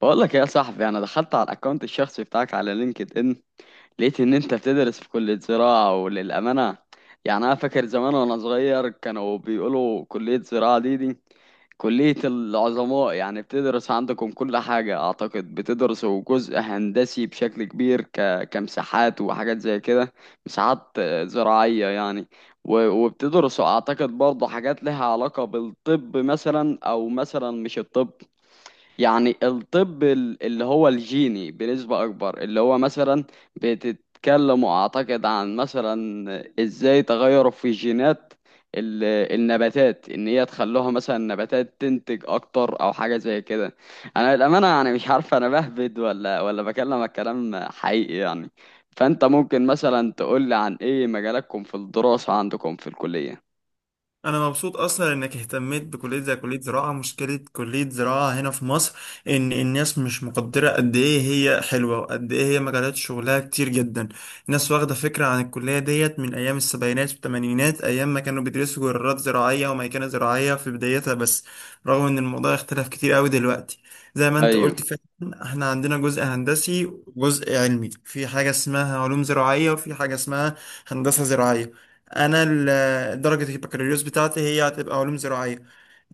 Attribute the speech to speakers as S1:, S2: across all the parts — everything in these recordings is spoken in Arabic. S1: بقول لك يا صاحبي، انا دخلت على الاكونت الشخصي بتاعك على لينكد ان، لقيت ان انت بتدرس في كلية زراعة. وللأمانة انا فاكر زمان وانا صغير كانوا بيقولوا كلية زراعة دي كلية العظماء. يعني بتدرس عندكم كل حاجة، اعتقد بتدرسوا جزء هندسي بشكل كبير، كمساحات وحاجات زي كده. مساحات زراعية يعني. و... وبتدرسوا اعتقد برضه حاجات لها علاقة بالطب مثلا، او مثلا مش الطب، يعني الطب اللي هو الجيني بنسبة أكبر. اللي هو مثلا بتتكلم أعتقد عن مثلا إزاي تغيروا في جينات ال- النباتات، إن هي تخلوها مثلا النباتات تنتج أكتر أو حاجة زي كده. أنا للأمانة يعني مش عارف، أنا بهبد ولا بكلمك كلام حقيقي يعني؟ فأنت ممكن مثلا تقولي عن إيه مجالاتكم في الدراسة عندكم في الكلية.
S2: انا مبسوط اصلا انك اهتميت بكليه زي كليه زراعه. مشكله كليه زراعه هنا في مصر ان الناس مش مقدره قد ايه هي حلوه وقد ايه هي مجالات شغلها كتير جدا. الناس واخده فكره عن الكليه ديت من ايام السبعينات والثمانينات، ايام ما كانوا بيدرسوا جرارات زراعيه وميكنه زراعيه في بدايتها بس، رغم ان الموضوع اختلف كتير قوي دلوقتي. زي ما انت
S1: أيوه.
S2: قلت فعلا احنا عندنا جزء هندسي وجزء علمي، في حاجه اسمها علوم زراعيه وفي حاجه اسمها هندسه زراعيه. انا درجة البكالوريوس بتاعتي هي هتبقى علوم زراعية.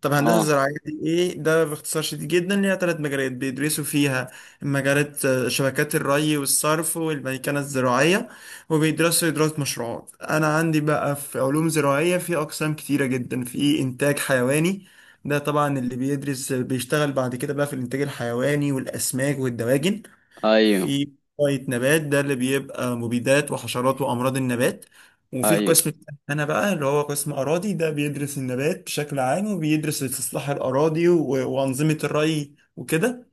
S2: طب هندسة
S1: أه.
S2: زراعية دي ايه؟ ده باختصار شديد جدا ليها ثلاث مجالات بيدرسوا فيها. مجالات، شبكات الري والصرف والميكنة الزراعية، وبيدرسوا إدارة مشروعات. أنا عندي بقى في علوم زراعية في أقسام كتيرة جدا. في إنتاج حيواني، ده طبعا اللي بيدرس بيشتغل بعد كده بقى في الإنتاج الحيواني والأسماك والدواجن.
S1: أيوه
S2: في شوية نبات، ده اللي بيبقى مبيدات وحشرات وأمراض النبات. وفي
S1: أيوه.
S2: القسم التاني أنا بقى اللي هو قسم أراضي، ده بيدرس النبات بشكل عام وبيدرس استصلاح الأراضي و- وأنظمة الري وكده.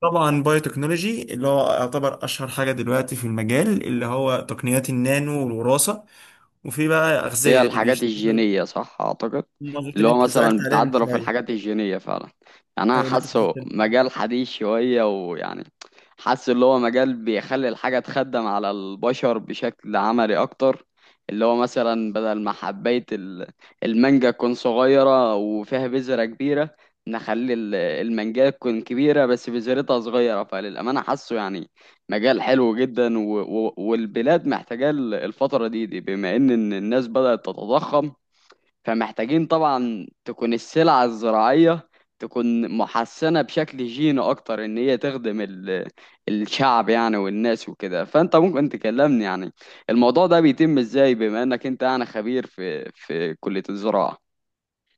S2: طبعا بايوتكنولوجي اللي هو يعتبر أشهر حاجة دلوقتي في المجال، اللي هو تقنيات النانو والوراثة. وفي بقى
S1: هي
S2: أغذية اللي
S1: الحاجات
S2: بيشتغلوا
S1: الجينية صح أعتقد؟
S2: المنظومات
S1: اللي
S2: اللي
S1: هو
S2: أنت سألت
S1: مثلا
S2: عليها من
S1: بتعدل في
S2: شوية.
S1: الحاجات الجينية فعلا. يعني أنا
S2: أيوة اللي أنت سألت
S1: حاسه
S2: عليها.
S1: مجال حديث شوية، ويعني حاسس اللي هو مجال بيخلي الحاجة تخدم على البشر بشكل عملي أكتر. اللي هو مثلا بدل ما حباية المانجا تكون صغيرة وفيها بذرة كبيرة، نخلي المانجا تكون كبيرة بس بذرتها صغيرة. فللأمانة حاسه يعني مجال حلو جدا، و... و... والبلاد محتاجة الفترة دي بما إن الناس بدأت تتضخم، فمحتاجين طبعا تكون السلعة الزراعية تكون محسنة بشكل جيني أكتر، إن هي تخدم الشعب يعني والناس وكده. فأنت ممكن تكلمني يعني الموضوع ده بيتم إزاي، بما إنك أنت يعني خبير في كلية الزراعة.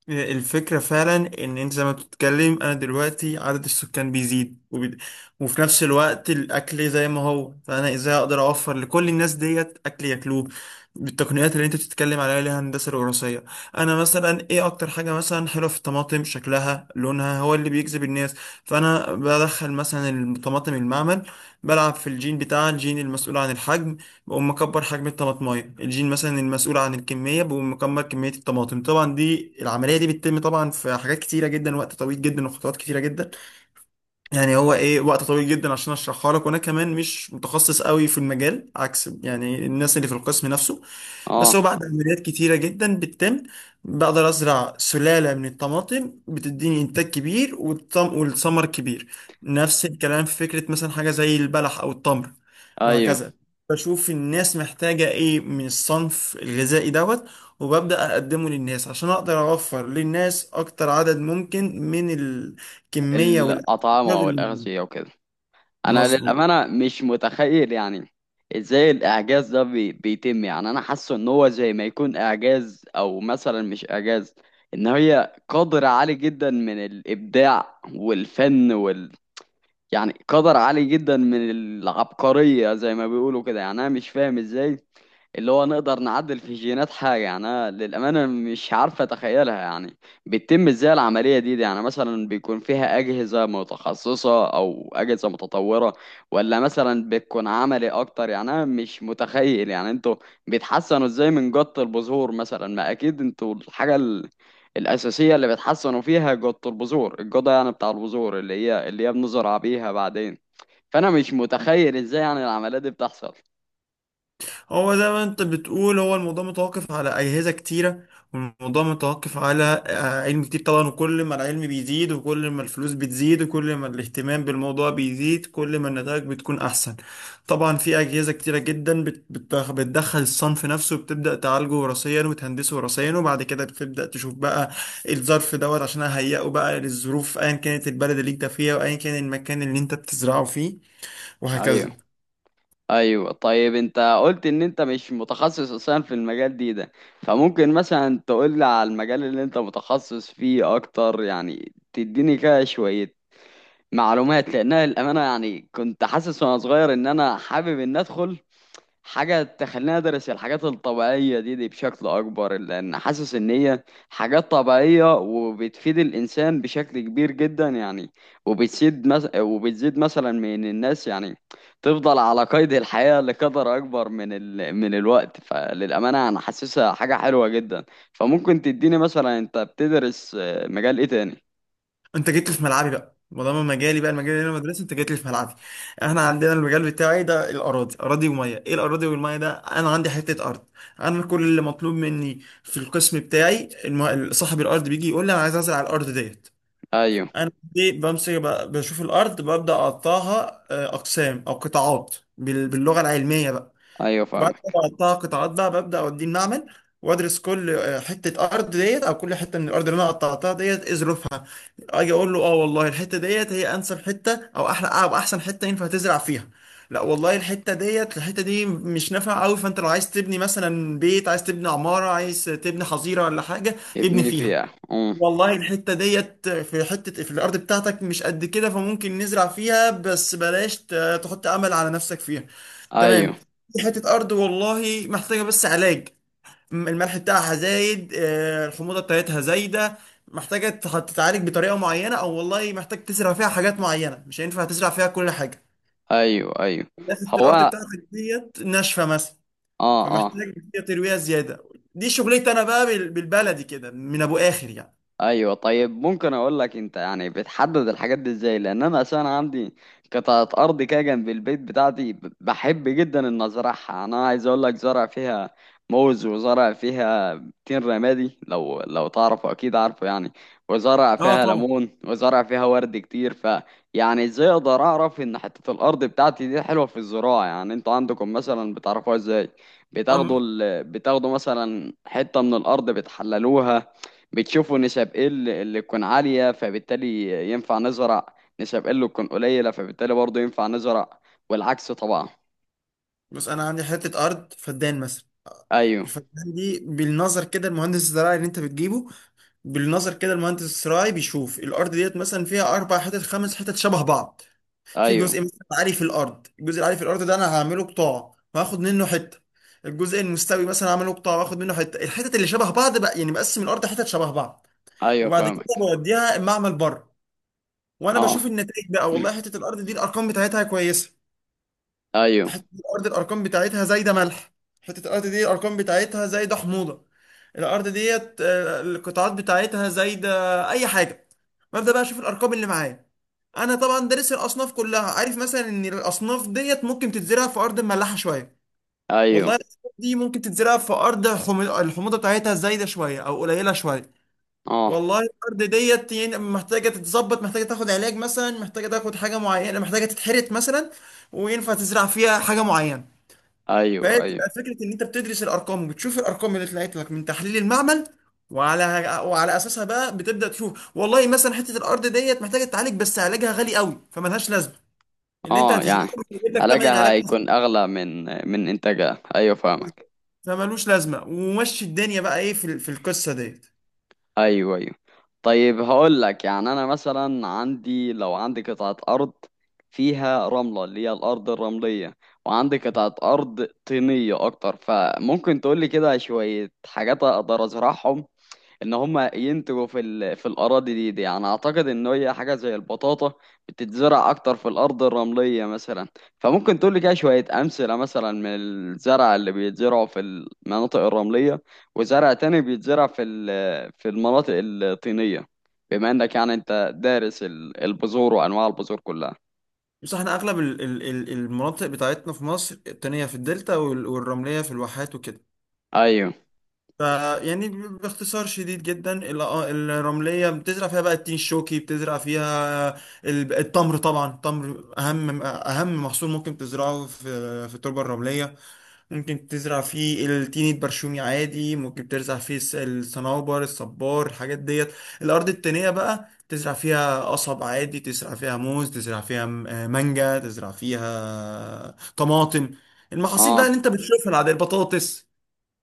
S2: الفكرة فعلا إن أنت زي ما بتتكلم، أنا دلوقتي عدد السكان بيزيد وفي نفس الوقت الأكل زي ما هو، فأنا إزاي أقدر أوفر لكل الناس ديت أكل ياكلوه بالتقنيات اللي أنت بتتكلم عليها اللي هي الهندسة الوراثية. أنا مثلا إيه أكتر حاجة مثلا حلوة في الطماطم؟ شكلها لونها هو اللي بيجذب الناس. فأنا بدخل مثلا الطماطم المعمل، بلعب في الجين بتاع الجين المسؤول عن الحجم، بقوم مكبر حجم الطماطمايه الجين مثلا المسؤول عن الكميه، بقوم مكبر كميه الطماطم. طبعا دي العمليه دي بتتم طبعا في حاجات كتيره جدا، وقت طويل جدا وخطوات كتيره جدا. يعني هو ايه؟ وقت طويل جدا عشان اشرحها لك، وانا كمان مش متخصص قوي في المجال عكس يعني الناس اللي في القسم نفسه. بس هو
S1: آه.
S2: بعد عمليات كتيرة جدا بتتم بقدر أزرع سلالة من الطماطم بتديني إنتاج كبير والطم والثمر كبير. نفس الكلام في فكرة مثلا حاجة زي البلح أو التمر،
S1: أيوه.
S2: وهكذا. بشوف الناس محتاجة إيه من الصنف الغذائي دوت، وببدأ أقدمه للناس عشان أقدر أوفر للناس أكتر عدد ممكن من الكمية. ده
S1: الأطعمة
S2: اللي-
S1: والأغذية وكده. انا
S2: مظبوط.
S1: للامانه مش متخيل يعني ازاي الاعجاز ده بيتم. يعني انا حاسه ان هو زي ما يكون اعجاز، او مثلا مش اعجاز، ان هي قدر عالي جدا من الابداع والفن وال، يعني قدر عالي جدا من العبقريه زي ما بيقولوا كده. يعني انا مش فاهم ازاي اللي هو نقدر نعدل في جينات حاجة. يعني أنا للأمانة مش عارفة أتخيلها، يعني بتتم إزاي العملية دي؟ يعني مثلا بيكون فيها أجهزة متخصصة أو أجهزة متطورة، ولا مثلا بتكون عملي أكتر؟ يعني أنا مش متخيل يعني أنتوا بيتحسنوا إزاي من جط البذور مثلا. ما أكيد أنتوا الحاجة الأساسية اللي بتحسنوا فيها جط البذور، الجودة يعني بتاع البذور اللي هي بنزرع بيها بعدين. فأنا مش متخيل إزاي يعني العملية دي بتحصل.
S2: هو زي ما انت بتقول هو الموضوع متوقف على اجهزه كتيره، والموضوع متوقف على علم كتير طبعا، وكل ما العلم بيزيد وكل ما الفلوس بتزيد وكل ما الاهتمام بالموضوع بيزيد كل ما النتائج بتكون احسن. طبعا في اجهزه كتيره جدا بتدخل الصنف نفسه وبتبدا تعالجه وراثيا وتهندسه وراثيا، وبعد كده بتبدا تشوف بقى الظرف دوت عشان اهيئه بقى للظروف ايا كانت البلد اللي انت فيها وايا كان المكان اللي انت بتزرعه فيه،
S1: أيوه.
S2: وهكذا.
S1: ايوه طيب، انت قلت ان انت مش متخصص اصلا في المجال ده، فممكن مثلا تقول لي على المجال اللي انت متخصص فيه اكتر يعني؟ تديني كده شوية معلومات، لانها الامانة يعني كنت حاسس وانا صغير ان انا حابب ان ادخل حاجة تخليني أدرس الحاجات الطبيعية دي بشكل أكبر، لأن حاسس إن هي حاجات طبيعية وبتفيد الإنسان بشكل كبير جدا يعني. وبتزيد مس... وبتزيد مثلا من الناس يعني تفضل على قيد الحياة لقدر أكبر من من الوقت. فللأمانة أنا حاسسها حاجة حلوة جدا. فممكن تديني مثلا أنت بتدرس مجال إيه تاني؟
S2: انت جيت لي في ملعبي بقى، ما دام مجالي بقى المجال اللي انا مدرسه، انت جيت لي في ملعبي. احنا عندنا المجال بتاعي ده الاراضي، اراضي وميه. ايه الاراضي والميه ده؟ انا عندي حته ارض، انا كل اللي مطلوب مني في القسم بتاعي صاحب الارض بيجي يقول لي انا عايز ازرع الارض ديت.
S1: أيوه.
S2: انا دي بمسك بشوف الارض، ببدا اقطعها اقسام او قطاعات باللغه العلميه بقى.
S1: أيوه
S2: وبعد
S1: فاهمك.
S2: ما اقطعها قطاعات بقى ببدا اوديه المعمل، وادرس كل حته ارض ديت او كل حته من الارض اللي انا قطعتها ديت ايه ظروفها. اجي اقول له اه، والله الحته ديت هي انسب حته او احلى او احسن حته ينفع تزرع فيها. لا والله الحته ديت الحته دي مش نافعه قوي، فانت لو عايز تبني مثلا بيت، عايز تبني عماره، عايز تبني حظيره ولا حاجه ابني
S1: ابني
S2: فيها.
S1: فيها.
S2: والله الحته ديت في حته في الارض بتاعتك مش قد كده، فممكن نزرع فيها بس بلاش تحط امل على نفسك فيها. تمام.
S1: أيوه.
S2: في حته ارض والله محتاجه بس علاج، الملح بتاعها زايد، الحموضه بتاعتها زايده، محتاجه تتعالج بطريقه معينه، او والله محتاج تزرع فيها حاجات معينه مش هينفع تزرع فيها كل حاجه.
S1: أيوه أيوه.
S2: حته الارض
S1: هو.
S2: بتاعتك ديت ناشفه مثلا،
S1: اه اه.
S2: فمحتاج فيها ترويها زياده. دي شغلتي انا بقى بالبلدي كده من ابو اخر يعني.
S1: ايوه طيب، ممكن اقول لك انت يعني بتحدد الحاجات دي ازاي؟ لان انا اساسا عندي قطعه ارض كده جنب البيت بتاعتي، بحب جدا ان ازرعها. انا عايز اقول لك زرع فيها موز، وزرع فيها تين رمادي لو تعرفه، اكيد عارفه يعني، وزرع
S2: اه
S1: فيها
S2: طبعا.
S1: ليمون، وزرع فيها ورد كتير. ف يعني ازاي اقدر اعرف ان حته الارض بتاعتي دي حلوه في الزراعه؟ يعني انتوا عندكم مثلا بتعرفوها ازاي؟
S2: أم
S1: بتاخدوا مثلا حته من الارض بتحللوها، بتشوفوا نسب ايه اللي تكون عالية فبالتالي ينفع نزرع، نسب ايه اللي تكون قليلة فبالتالي برضه ينفع نزرع والعكس طبعا.
S2: بس انا عندي حته ارض فدان مثلا،
S1: ايوه.
S2: الفدان دي بالنظر كده المهندس الزراعي اللي انت بتجيبه، بالنظر كده المهندس الزراعي بيشوف الارض ديت مثلا فيها اربع حتت خمس حتت شبه بعض. في
S1: ايوه.
S2: جزء مثلا عالي في الارض، الجزء العالي في الارض ده انا هعمله قطاع وهاخد منه حته، الجزء المستوي مثلا هعمله قطاع واخد منه حته. الحتت اللي شبه بعض بقى، يعني بقسم الارض حتت شبه بعض،
S1: ايوه
S2: وبعد كده
S1: فاهمك.
S2: بوديها المعمل بره. وانا
S1: اه.
S2: بشوف النتائج بقى، والله حته الارض دي الارقام بتاعتها كويسه،
S1: ايوه.
S2: حته الارض الارقام بتاعتها زايده ملح، حته الارض دي الارقام بتاعتها زايده حموضه، الارض ديت القطاعات بتاعتها زايده اي حاجه. ببدا بقى اشوف الارقام اللي معايا. انا طبعا دارس الاصناف كلها، عارف مثلا ان الاصناف ديت ممكن تتزرع في ارض مملحه شويه،
S1: ايوه.
S2: والله الاصناف دي ممكن تتزرع في ارض الحموضه بتاعتها زايده شويه او قليله شويه،
S1: اه.
S2: والله الارض ديت يعني محتاجه تتظبط، محتاجه تاخد علاج مثلا، محتاجه تاخد حاجه معينه، محتاجه تتحرث مثلا، وينفع تزرع فيها حاجه معينه.
S1: ايوه ايوه.
S2: فتبقى فكره ان انت بتدرس الارقام وبتشوف الارقام اللي طلعت لك من تحليل المعمل، وعلى وعلى اساسها بقى بتبدا تشوف والله مثلا حته الارض ديت محتاجه تعالج بس علاجها غالي قوي فملهاش لازمه. اللي انت
S1: اه
S2: هتزرعه
S1: يعني
S2: مش هيجيب لك ثمن
S1: حلاجة
S2: العلاج أصلاً،
S1: هيكون اغلى من انتاجها. ايوه فاهمك.
S2: فملوش لازمه، ومشي الدنيا بقى ايه في في القصه ديت.
S1: ايوه ايوه. طيب هقول لك، يعني انا مثلا عندي، لو عندي قطعة ارض فيها رملة اللي هي الارض الرملية، وعندي قطعة ارض طينية اكتر، فممكن تقول لي كده شوية حاجات اقدر ازرعهم ان هم ينتجوا في الاراضي دي؟ يعني اعتقد ان هي حاجه زي البطاطا بتتزرع اكتر في الارض الرمليه مثلا. فممكن تقول لي كده شويه امثله مثلا من الزرع اللي بيتزرعوا في المناطق الرمليه، وزرع تاني بيتزرع في في المناطق الطينيه، بما انك يعني انت دارس البذور وانواع البذور كلها.
S2: بس احنا اغلب المناطق بتاعتنا في مصر التانية في الدلتا والرملية في الواحات وكده.
S1: ايوه.
S2: ف يعني باختصار شديد جدا الرملية بتزرع فيها بقى التين الشوكي، بتزرع فيها التمر، طبعا التمر أهم أهم محصول ممكن تزرعه في في التربة الرملية. ممكن تزرع فيه التين البرشومي عادي، ممكن تزرع فيه الصنوبر، الصبار، الحاجات ديت. الأرض التانية بقى تزرع فيها قصب عادي، تزرع فيها موز، تزرع فيها مانجا، تزرع فيها طماطم، المحاصيل بقى
S1: اه
S2: اللي انت بتشوفها العادية البطاطس.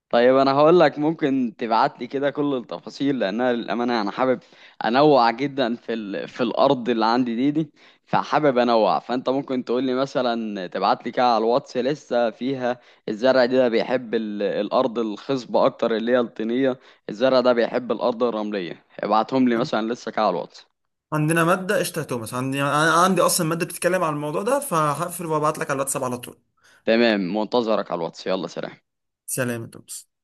S1: طيب، انا هقول لك ممكن تبعت لي كده كل التفاصيل، لانها للامانه انا حابب انوع جدا في في الارض اللي عندي دي. فحابب انوع، فانت ممكن تقول لي مثلا تبعت لي كده على الواتس لسه فيها الزرع ده بيحب الارض الخصبه اكتر اللي هي الطينيه، الزرع ده بيحب الارض الرمليه، ابعتهم لي مثلا لسه كده على الواتس.
S2: عندنا مادة قشطة يا توماس، عندي أنا عندي أصلا مادة بتتكلم عن الموضوع ده، فهقفل وابعت لك على الواتساب على طول.
S1: تمام، منتظرك على الواتس. يلا سلام.
S2: سلام يا توماس.